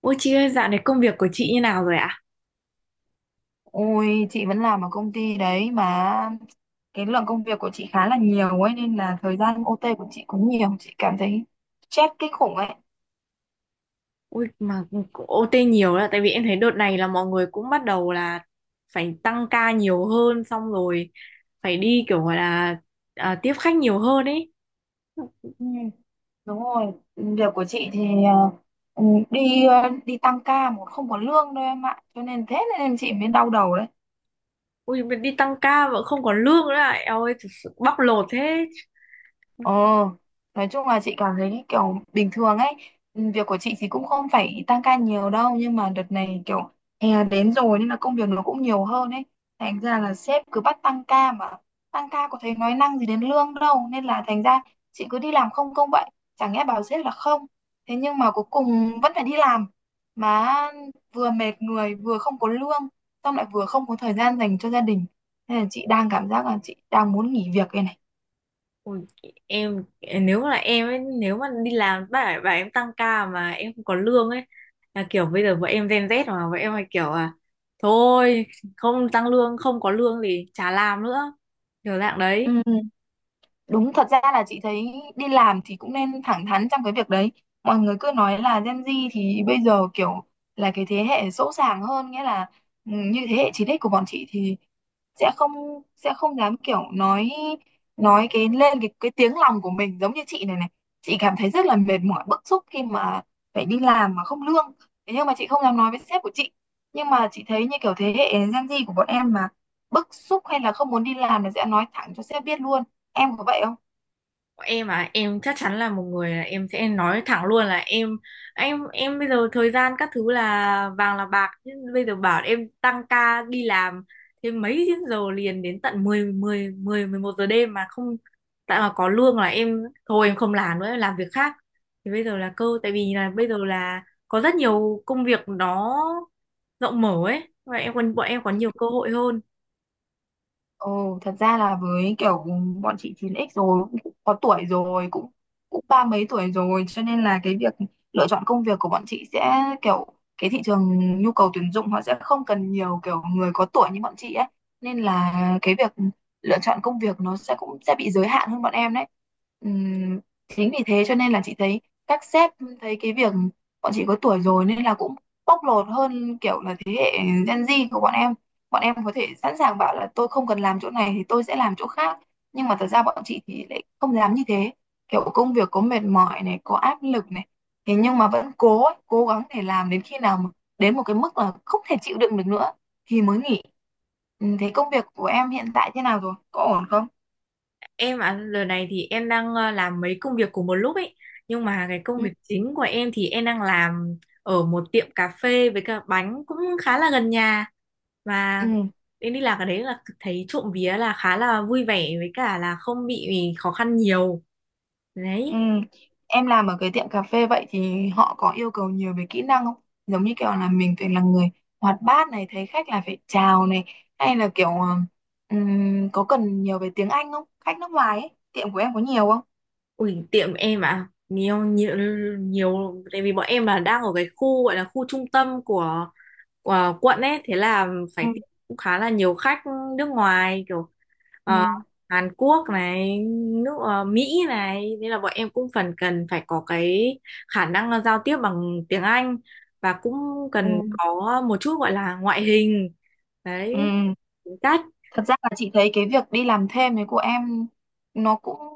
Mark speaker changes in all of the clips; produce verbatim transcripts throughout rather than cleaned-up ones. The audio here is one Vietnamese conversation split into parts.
Speaker 1: Ôi chị ơi, dạo này công việc của chị như nào rồi ạ?
Speaker 2: Ôi, chị vẫn làm ở công ty đấy mà cái lượng công việc của chị khá là nhiều ấy nên là thời gian ô ti của chị cũng nhiều, chị cảm thấy stress kinh khủng ấy.
Speaker 1: Ôi mà cũng ô tê nhiều là tại vì em thấy đợt này là mọi người cũng bắt đầu là phải tăng ca nhiều hơn, xong rồi phải đi kiểu gọi là à, tiếp khách nhiều hơn ấy.
Speaker 2: Ừ, đúng rồi, việc của chị thì ờ, ừ, đi ờ, đi tăng ca một không có lương đâu em ạ, cho nên thế nên chị mới đau đầu đấy.
Speaker 1: Ôi mà đi tăng ca mà không còn lương nữa ạ. Eo ơi, thật sự bóc lột thế.
Speaker 2: Ờ, nói chung là chị cảm thấy kiểu bình thường ấy, ừ, việc của chị thì cũng không phải tăng ca nhiều đâu, nhưng mà đợt này kiểu hè đến rồi nên là công việc nó cũng nhiều hơn ấy. Thành ra là sếp cứ bắt tăng ca mà tăng ca có thấy nói năng gì đến lương đâu, nên là thành ra chị cứ đi làm không công vậy, chẳng nghe bảo sếp là không. Thế nhưng mà cuối cùng vẫn phải đi làm, mà vừa mệt người, vừa không có lương, xong lại vừa không có thời gian dành cho gia đình. Nên là chị đang cảm giác là chị đang muốn nghỉ việc đây này.
Speaker 1: Ui, em nếu mà là em ấy, nếu mà đi làm bà bà em tăng ca mà em không có lương ấy, là kiểu bây giờ vợ em Gen Z mà vợ em hay kiểu à thôi, không tăng lương không có lương thì chả làm nữa, kiểu dạng
Speaker 2: Ừ.
Speaker 1: đấy.
Speaker 2: Đúng, thật ra là chị thấy đi làm thì cũng nên thẳng thắn trong cái việc đấy. Mọi người cứ nói là Gen Z thì bây giờ kiểu là cái thế hệ sỗ sàng hơn, nghĩa là ừ, như thế hệ chín ích của bọn chị thì sẽ không sẽ không dám kiểu nói nói cái lên cái cái tiếng lòng của mình giống như chị này này. Chị cảm thấy rất là mệt mỏi, bức xúc khi mà phải đi làm mà không lương. Thế nhưng mà chị không dám nói với sếp của chị. Nhưng mà chị thấy như kiểu thế hệ Gen Z của bọn em mà bức xúc hay là không muốn đi làm là sẽ nói thẳng cho sếp biết luôn, em có vậy không?
Speaker 1: Em à, em chắc chắn là một người là em sẽ nói thẳng luôn là em em em bây giờ thời gian các thứ là vàng là bạc, chứ bây giờ bảo em tăng ca đi làm thêm mấy tiếng giờ liền đến tận 10 10 10 mười một giờ đêm mà không tại mà có lương là em thôi, em không làm nữa em làm việc khác. Thì bây giờ là cơ tại vì là bây giờ là có rất nhiều công việc nó rộng mở ấy, và em còn bọn em có nhiều cơ hội hơn.
Speaker 2: Ồ, thật ra là với kiểu bọn chị chín x rồi cũng có tuổi rồi cũng cũng ba mấy tuổi rồi cho nên là cái việc lựa chọn công việc của bọn chị sẽ kiểu cái thị trường nhu cầu tuyển dụng họ sẽ không cần nhiều kiểu người có tuổi như bọn chị ấy, nên là cái việc lựa chọn công việc nó sẽ cũng sẽ bị giới hạn hơn bọn em đấy. Ừm, Chính vì thế cho nên là chị thấy các sếp thấy cái việc bọn chị có tuổi rồi nên là cũng bóc lột hơn kiểu là thế hệ Gen Z của bọn em, bọn em có thể sẵn sàng bảo là tôi không cần làm chỗ này thì tôi sẽ làm chỗ khác, nhưng mà thật ra bọn chị thì lại không dám như thế, kiểu công việc có mệt mỏi này có áp lực này, thế nhưng mà vẫn cố ấy, cố gắng để làm đến khi nào mà đến một cái mức là không thể chịu đựng được nữa thì mới nghỉ. Ừ, thế công việc của em hiện tại thế nào rồi, có ổn không?
Speaker 1: Em ạ, giờ này thì em đang ờ, làm mấy công việc cùng một lúc ấy. Nhưng mà cái công
Speaker 2: Ừ.
Speaker 1: việc chính của em thì em đang làm ở một tiệm cà phê với cả bánh, cũng khá là gần nhà. Và
Speaker 2: Ừ.
Speaker 1: em đi làm cái đấy là thấy trộm vía là khá là vui vẻ với cả là không bị khó khăn nhiều.
Speaker 2: Ừ.
Speaker 1: Đấy.
Speaker 2: Em làm ở cái tiệm cà phê vậy thì họ có yêu cầu nhiều về kỹ năng không? Giống như kiểu là mình phải là người hoạt bát này, thấy khách là phải chào này, hay là kiểu ờ, ừm, có cần nhiều về tiếng Anh không? Khách nước ngoài ấy, tiệm của em có nhiều không?
Speaker 1: Ui, tiệm em ạ, nhiều, nhiều, nhiều, tại vì bọn em là đang ở cái khu gọi là khu trung tâm của, của quận ấy. Thế là
Speaker 2: Ừ.
Speaker 1: phải tiếp cũng khá là nhiều khách nước ngoài kiểu Ờ,
Speaker 2: Ừ.
Speaker 1: Hàn Quốc này, nước ờ, Mỹ này, nên là bọn em cũng phần cần phải có cái khả năng giao tiếp bằng tiếng Anh, và cũng
Speaker 2: Ừ.
Speaker 1: cần có một chút gọi là ngoại hình. Đấy,
Speaker 2: Ừ.
Speaker 1: tính cách.
Speaker 2: Thật ra là chị thấy cái việc đi làm thêm ấy của em nó cũng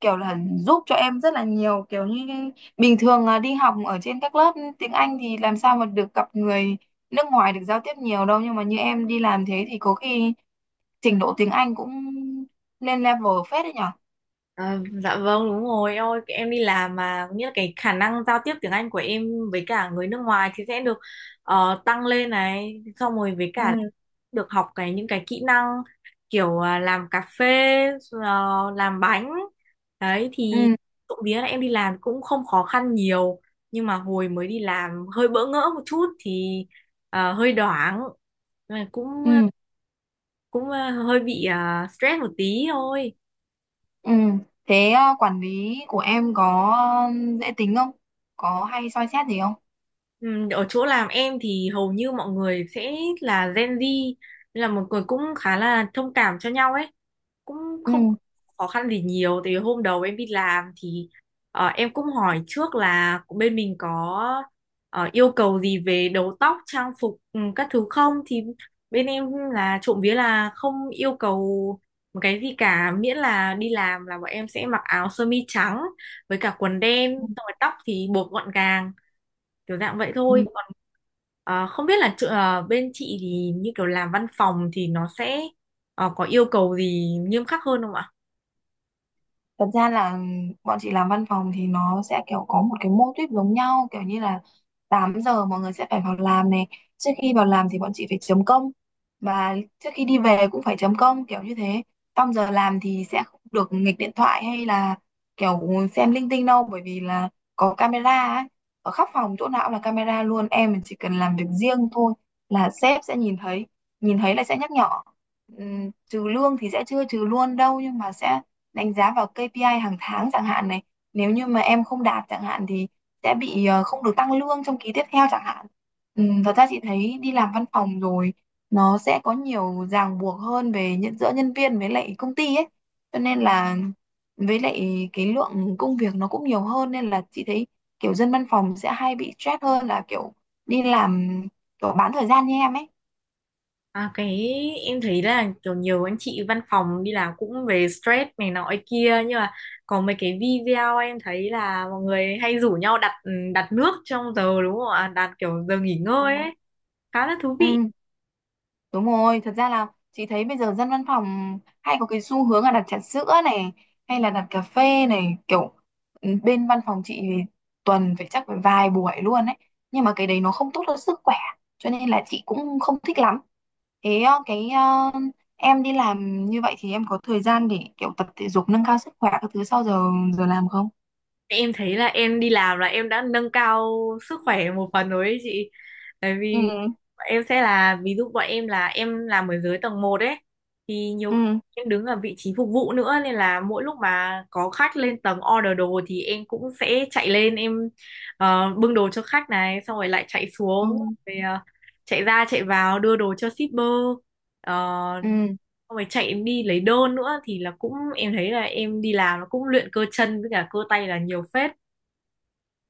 Speaker 2: kiểu là giúp cho em rất là nhiều, kiểu như bình thường à, đi học ở trên các lớp tiếng Anh thì làm sao mà được gặp người nước ngoài, được giao tiếp nhiều đâu, nhưng mà như em đi làm thế thì có khi trình độ tiếng Anh cũng lên level phết đấy nhở.
Speaker 1: À, dạ vâng đúng rồi, ôi em đi làm mà nghĩa là cái khả năng giao tiếp tiếng Anh của em với cả người nước ngoài thì sẽ được ờ, tăng lên này, xong rồi với cả
Speaker 2: Ừ.
Speaker 1: được học cái những cái kỹ năng kiểu à, làm cà phê, ờ, làm bánh đấy
Speaker 2: Ừ.
Speaker 1: thì trộm vía là em đi làm cũng không khó khăn nhiều, nhưng mà hồi mới đi làm hơi bỡ ngỡ một chút thì ờ, hơi đoảng. Nhưng mà cũng
Speaker 2: Ừ.
Speaker 1: cũng ờ, hơi bị ờ, stress một tí thôi.
Speaker 2: Ừ. Thế à, quản lý của em có ờ, dễ tính không, có hay soi xét gì không?
Speaker 1: Ừ, ở chỗ làm em thì hầu như mọi người sẽ là Gen Z nên là mọi người cũng khá là thông cảm cho nhau ấy, cũng
Speaker 2: Ừ.
Speaker 1: không khó khăn gì nhiều. Thì hôm đầu em đi làm thì ờ, em cũng hỏi trước là bên mình có ờ, yêu cầu gì về đầu tóc trang phục, ừ, các thứ không, thì bên em là trộm vía là không yêu cầu một cái gì cả, miễn là đi làm là bọn em sẽ mặc áo sơ mi trắng với cả quần đen, xong rồi tóc thì buộc gọn gàng, kiểu dạng vậy
Speaker 2: Ừ.
Speaker 1: thôi. Còn à, không biết là chỗ- à, bên chị thì như kiểu làm văn phòng thì nó sẽ à, có yêu cầu gì nghiêm khắc hơn không ạ?
Speaker 2: Thật ra là bọn chị làm văn phòng thì nó sẽ kiểu có một cái mô típ giống nhau, kiểu như là tám giờ mọi người sẽ phải vào làm này, trước khi vào làm thì bọn chị phải chấm công, và trước khi đi về cũng phải chấm công kiểu như thế. Trong giờ làm thì sẽ không được nghịch điện thoại hay là kiểu xem linh tinh đâu, bởi vì là có camera ấy, ở khắp phòng chỗ nào cũng là camera luôn. Em chỉ cần làm việc riêng thôi là sếp sẽ nhìn thấy, nhìn thấy là sẽ nhắc nhở. Ừm, trừ lương thì sẽ chưa trừ luôn đâu nhưng mà sẽ đánh giá vào kây pi ai hàng tháng chẳng hạn này, nếu như mà em không đạt chẳng hạn thì sẽ bị ờ, không được tăng lương trong kỳ tiếp theo chẳng hạn. Ừ, thật ra chị thấy đi làm văn phòng rồi nó sẽ có nhiều ràng buộc hơn về nhận giữa nhân viên với lại công ty ấy, cho nên là với lại cái lượng công việc nó cũng nhiều hơn, nên là chị thấy kiểu dân văn phòng sẽ hay bị stress hơn là kiểu đi làm kiểu bán thời gian như em ấy.
Speaker 1: À, cái Em thấy là kiểu nhiều anh chị văn phòng đi làm cũng về stress này nọ ấy kia, nhưng mà có mấy cái video em thấy là mọi người hay rủ nhau đặt, ừ, đặt nước trong giờ đúng không ạ, đặt kiểu giờ nghỉ
Speaker 2: Ừ.
Speaker 1: ngơi ấy, khá là thú vị.
Speaker 2: Ừ, đúng rồi, thật ra là chị thấy bây giờ dân văn phòng hay có cái xu hướng là đặt trà sữa này hay là đặt cà phê này, kiểu ừ, bên văn phòng chị thì tuần phải chắc phải vài buổi luôn ấy, nhưng mà cái đấy nó không tốt cho sức khỏe cho nên là chị cũng không thích lắm. Thế ờ, cái ờ, em đi làm như vậy thì em có thời gian để kiểu tập thể dục nâng cao sức khỏe các thứ sau giờ giờ làm không?
Speaker 1: Em thấy là em đi làm là em đã nâng cao sức khỏe một phần rồi ấy chị. Tại
Speaker 2: Ừ.
Speaker 1: vì bọn em sẽ là ví dụ bọn em là em làm ở dưới tầng một ấy, thì nhiều khi
Speaker 2: Ừ.
Speaker 1: em đứng ở vị trí phục vụ nữa, nên là mỗi lúc mà có khách lên tầng order đồ thì em cũng sẽ chạy lên em ờ, bưng đồ cho khách này xong rồi lại chạy
Speaker 2: Ừ.
Speaker 1: xuống, rồi ờ, chạy ra chạy vào đưa đồ cho shipper. Ờ,
Speaker 2: Ừ.
Speaker 1: xong rồi chạy em đi lấy đôn nữa thì là cũng em thấy là em đi làm nó cũng luyện cơ chân với cả cơ tay là nhiều phết.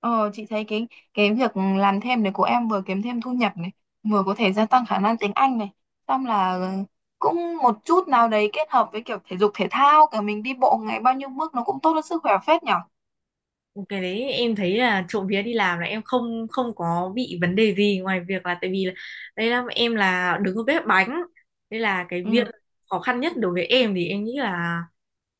Speaker 2: Ờ, chị thấy cái cái việc làm thêm này của em vừa kiếm thêm thu nhập này, vừa có thể gia tăng khả năng tiếng Anh này, xong là cũng một chút nào đấy kết hợp với kiểu thể dục thể thao, cả mình đi bộ ngày bao nhiêu bước nó cũng tốt cho sức khỏe phết nhở.
Speaker 1: Cái đấy em thấy là trộm vía đi làm là em không, không có bị vấn đề gì ngoài việc là tại vì là, đây là em là đứng ở bếp bánh, đây là cái việc
Speaker 2: Ừ.
Speaker 1: khó khăn nhất đối với em thì em nghĩ là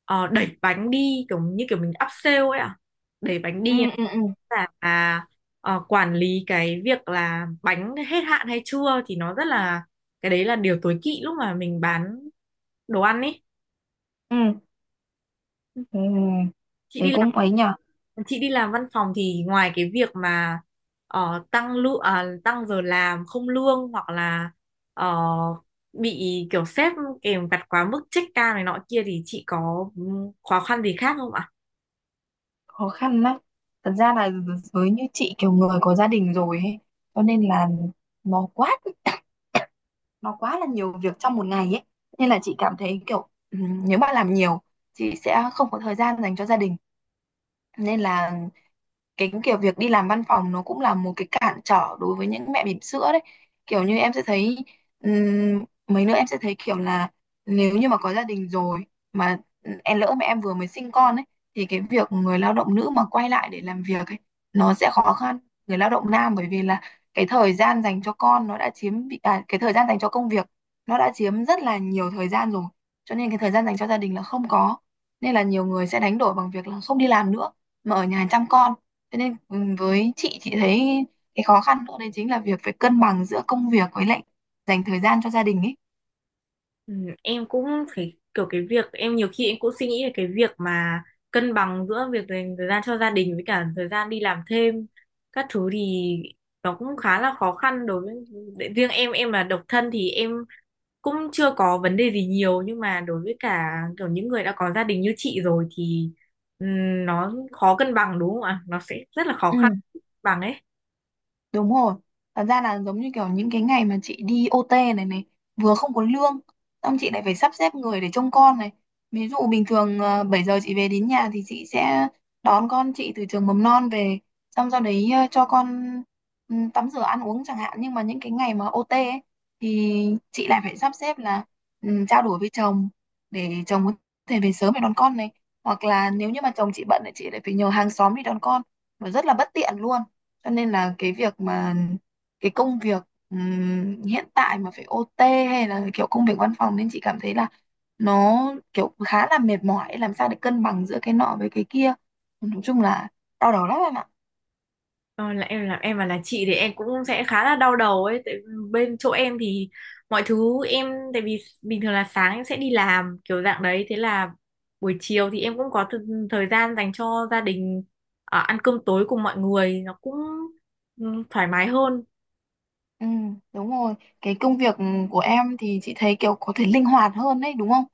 Speaker 1: ờ, đẩy bánh đi kiểu như kiểu mình áp sale ấy ạ, đẩy bánh
Speaker 2: Ừ.
Speaker 1: đi
Speaker 2: Ừ. Ừ.
Speaker 1: là à, ờ, quản lý cái việc là bánh hết hạn hay chưa thì nó rất là, cái đấy là điều tối kỵ lúc mà mình bán đồ ăn ấy.
Speaker 2: Ừ. Ừ.
Speaker 1: Chị
Speaker 2: Thế
Speaker 1: đi làm,
Speaker 2: cũng ấy nhở,
Speaker 1: chị đi làm văn phòng thì ngoài cái việc mà ờ, tăng lương tăng giờ làm không lương, hoặc là ờ, bị kiểu sếp kèm vặt quá mức check ca này nọ kia, thì chị có, ừ, khó khăn gì khác không ạ?
Speaker 2: khó khăn lắm. Thật ra là với như chị kiểu người có gia đình rồi ấy, cho nên là nó quá nó quá là nhiều việc trong một ngày ấy, nên là chị cảm thấy kiểu ừm, nếu mà làm nhiều chị sẽ không có thời gian dành cho gia đình, nên là cái kiểu việc đi làm văn phòng nó cũng là một cái cản trở đối với những mẹ bỉm sữa đấy. Kiểu như em sẽ thấy ừm, mấy nữa em sẽ thấy kiểu là nếu như mà có gia đình rồi mà em lỡ mẹ em vừa mới sinh con ấy, thì cái việc người lao động nữ mà quay lại để làm việc ấy nó sẽ khó khăn người lao động nam, bởi vì là cái thời gian dành cho con nó đã chiếm bị- à, cái thời gian dành cho công việc nó đã chiếm rất là nhiều thời gian rồi, cho nên cái thời gian dành cho gia đình là không có, nên là nhiều người sẽ đánh đổi bằng việc là không đi làm nữa mà ở nhà chăm con. Thế nên ừ, với chị chị thấy cái khó khăn nữa đấy chính là việc phải cân bằng giữa công việc với lại dành thời gian cho gia đình ấy.
Speaker 1: Ừ, em cũng phải kiểu cái việc em nhiều khi em cũng suy nghĩ về cái việc mà cân bằng giữa việc dành thời gian cho gia đình với cả thời gian đi làm thêm các thứ, thì nó cũng khá là khó khăn đối với để- riêng em em là độc thân thì em cũng chưa có vấn đề gì nhiều, nhưng mà đối với cả kiểu những người đã có gia đình như chị rồi thì ừm, nó khó cân bằng đúng không ạ? Nó sẽ rất là khó
Speaker 2: Ừ.
Speaker 1: khăn bằng ấy.
Speaker 2: Đúng rồi. Thật ra là giống như kiểu những cái ngày mà chị đi ô ti này này, vừa không có lương, xong chị lại phải sắp xếp người để trông con này. Ví dụ bình thường ờ, bảy giờ chị về đến nhà thì chị sẽ đón con chị từ trường mầm non về, xong sau đấy ờ, cho con ừ, tắm rửa ăn uống chẳng hạn. Nhưng mà những cái ngày mà ô tê ấy, thì chị lại phải sắp xếp là ừ, trao đổi với chồng để chồng có thể về sớm để đón con này. Hoặc là nếu như mà chồng chị bận thì chị lại phải nhờ hàng xóm đi đón con, và rất là bất tiện luôn, cho nên là cái việc mà cái công việc ừm, hiện tại mà phải ô tê hay là kiểu công việc văn phòng nên chị cảm thấy là nó kiểu khá là mệt mỏi, làm sao để cân bằng giữa cái nọ với cái kia, nói chung là đau đầu lắm em ạ.
Speaker 1: Ờ, là em là em mà là chị thì em cũng sẽ khá là đau đầu ấy, tại bên chỗ em thì mọi thứ em tại vì bình thường là sáng em sẽ đi làm kiểu dạng đấy, thế là buổi chiều thì em cũng có th- thời gian dành cho gia đình, ờ, ăn cơm tối cùng mọi người nó cũng, ừ, thoải mái hơn.
Speaker 2: Ừ, đúng rồi. Cái công việc của em thì chị thấy kiểu có thể linh hoạt hơn đấy, đúng không?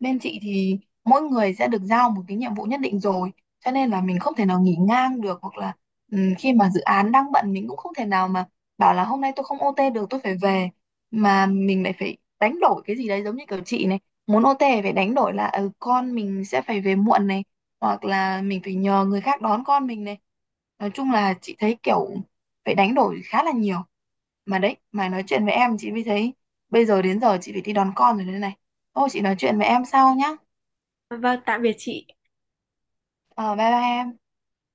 Speaker 2: Bên chị thì mỗi người sẽ được giao một cái nhiệm vụ nhất định rồi, cho nên là mình không thể nào nghỉ ngang được, hoặc là ừ, khi mà dự án đang bận mình cũng không thể nào mà bảo là hôm nay tôi không ô tê được, tôi phải về, mà mình lại phải đánh đổi cái gì đấy, giống như kiểu chị này, muốn ô ti phải đánh đổi là ừ, con mình sẽ phải về muộn này, hoặc là mình phải nhờ người khác đón con mình này. Nói chung là chị thấy kiểu phải đánh đổi khá là nhiều, mà đấy mà nói chuyện với em chị mới thấy bây giờ đến giờ chị phải đi đón con rồi đây này, thôi chị nói chuyện với em sau nhá.
Speaker 1: Vâng, tạm biệt chị.
Speaker 2: Ờ, bye bye em.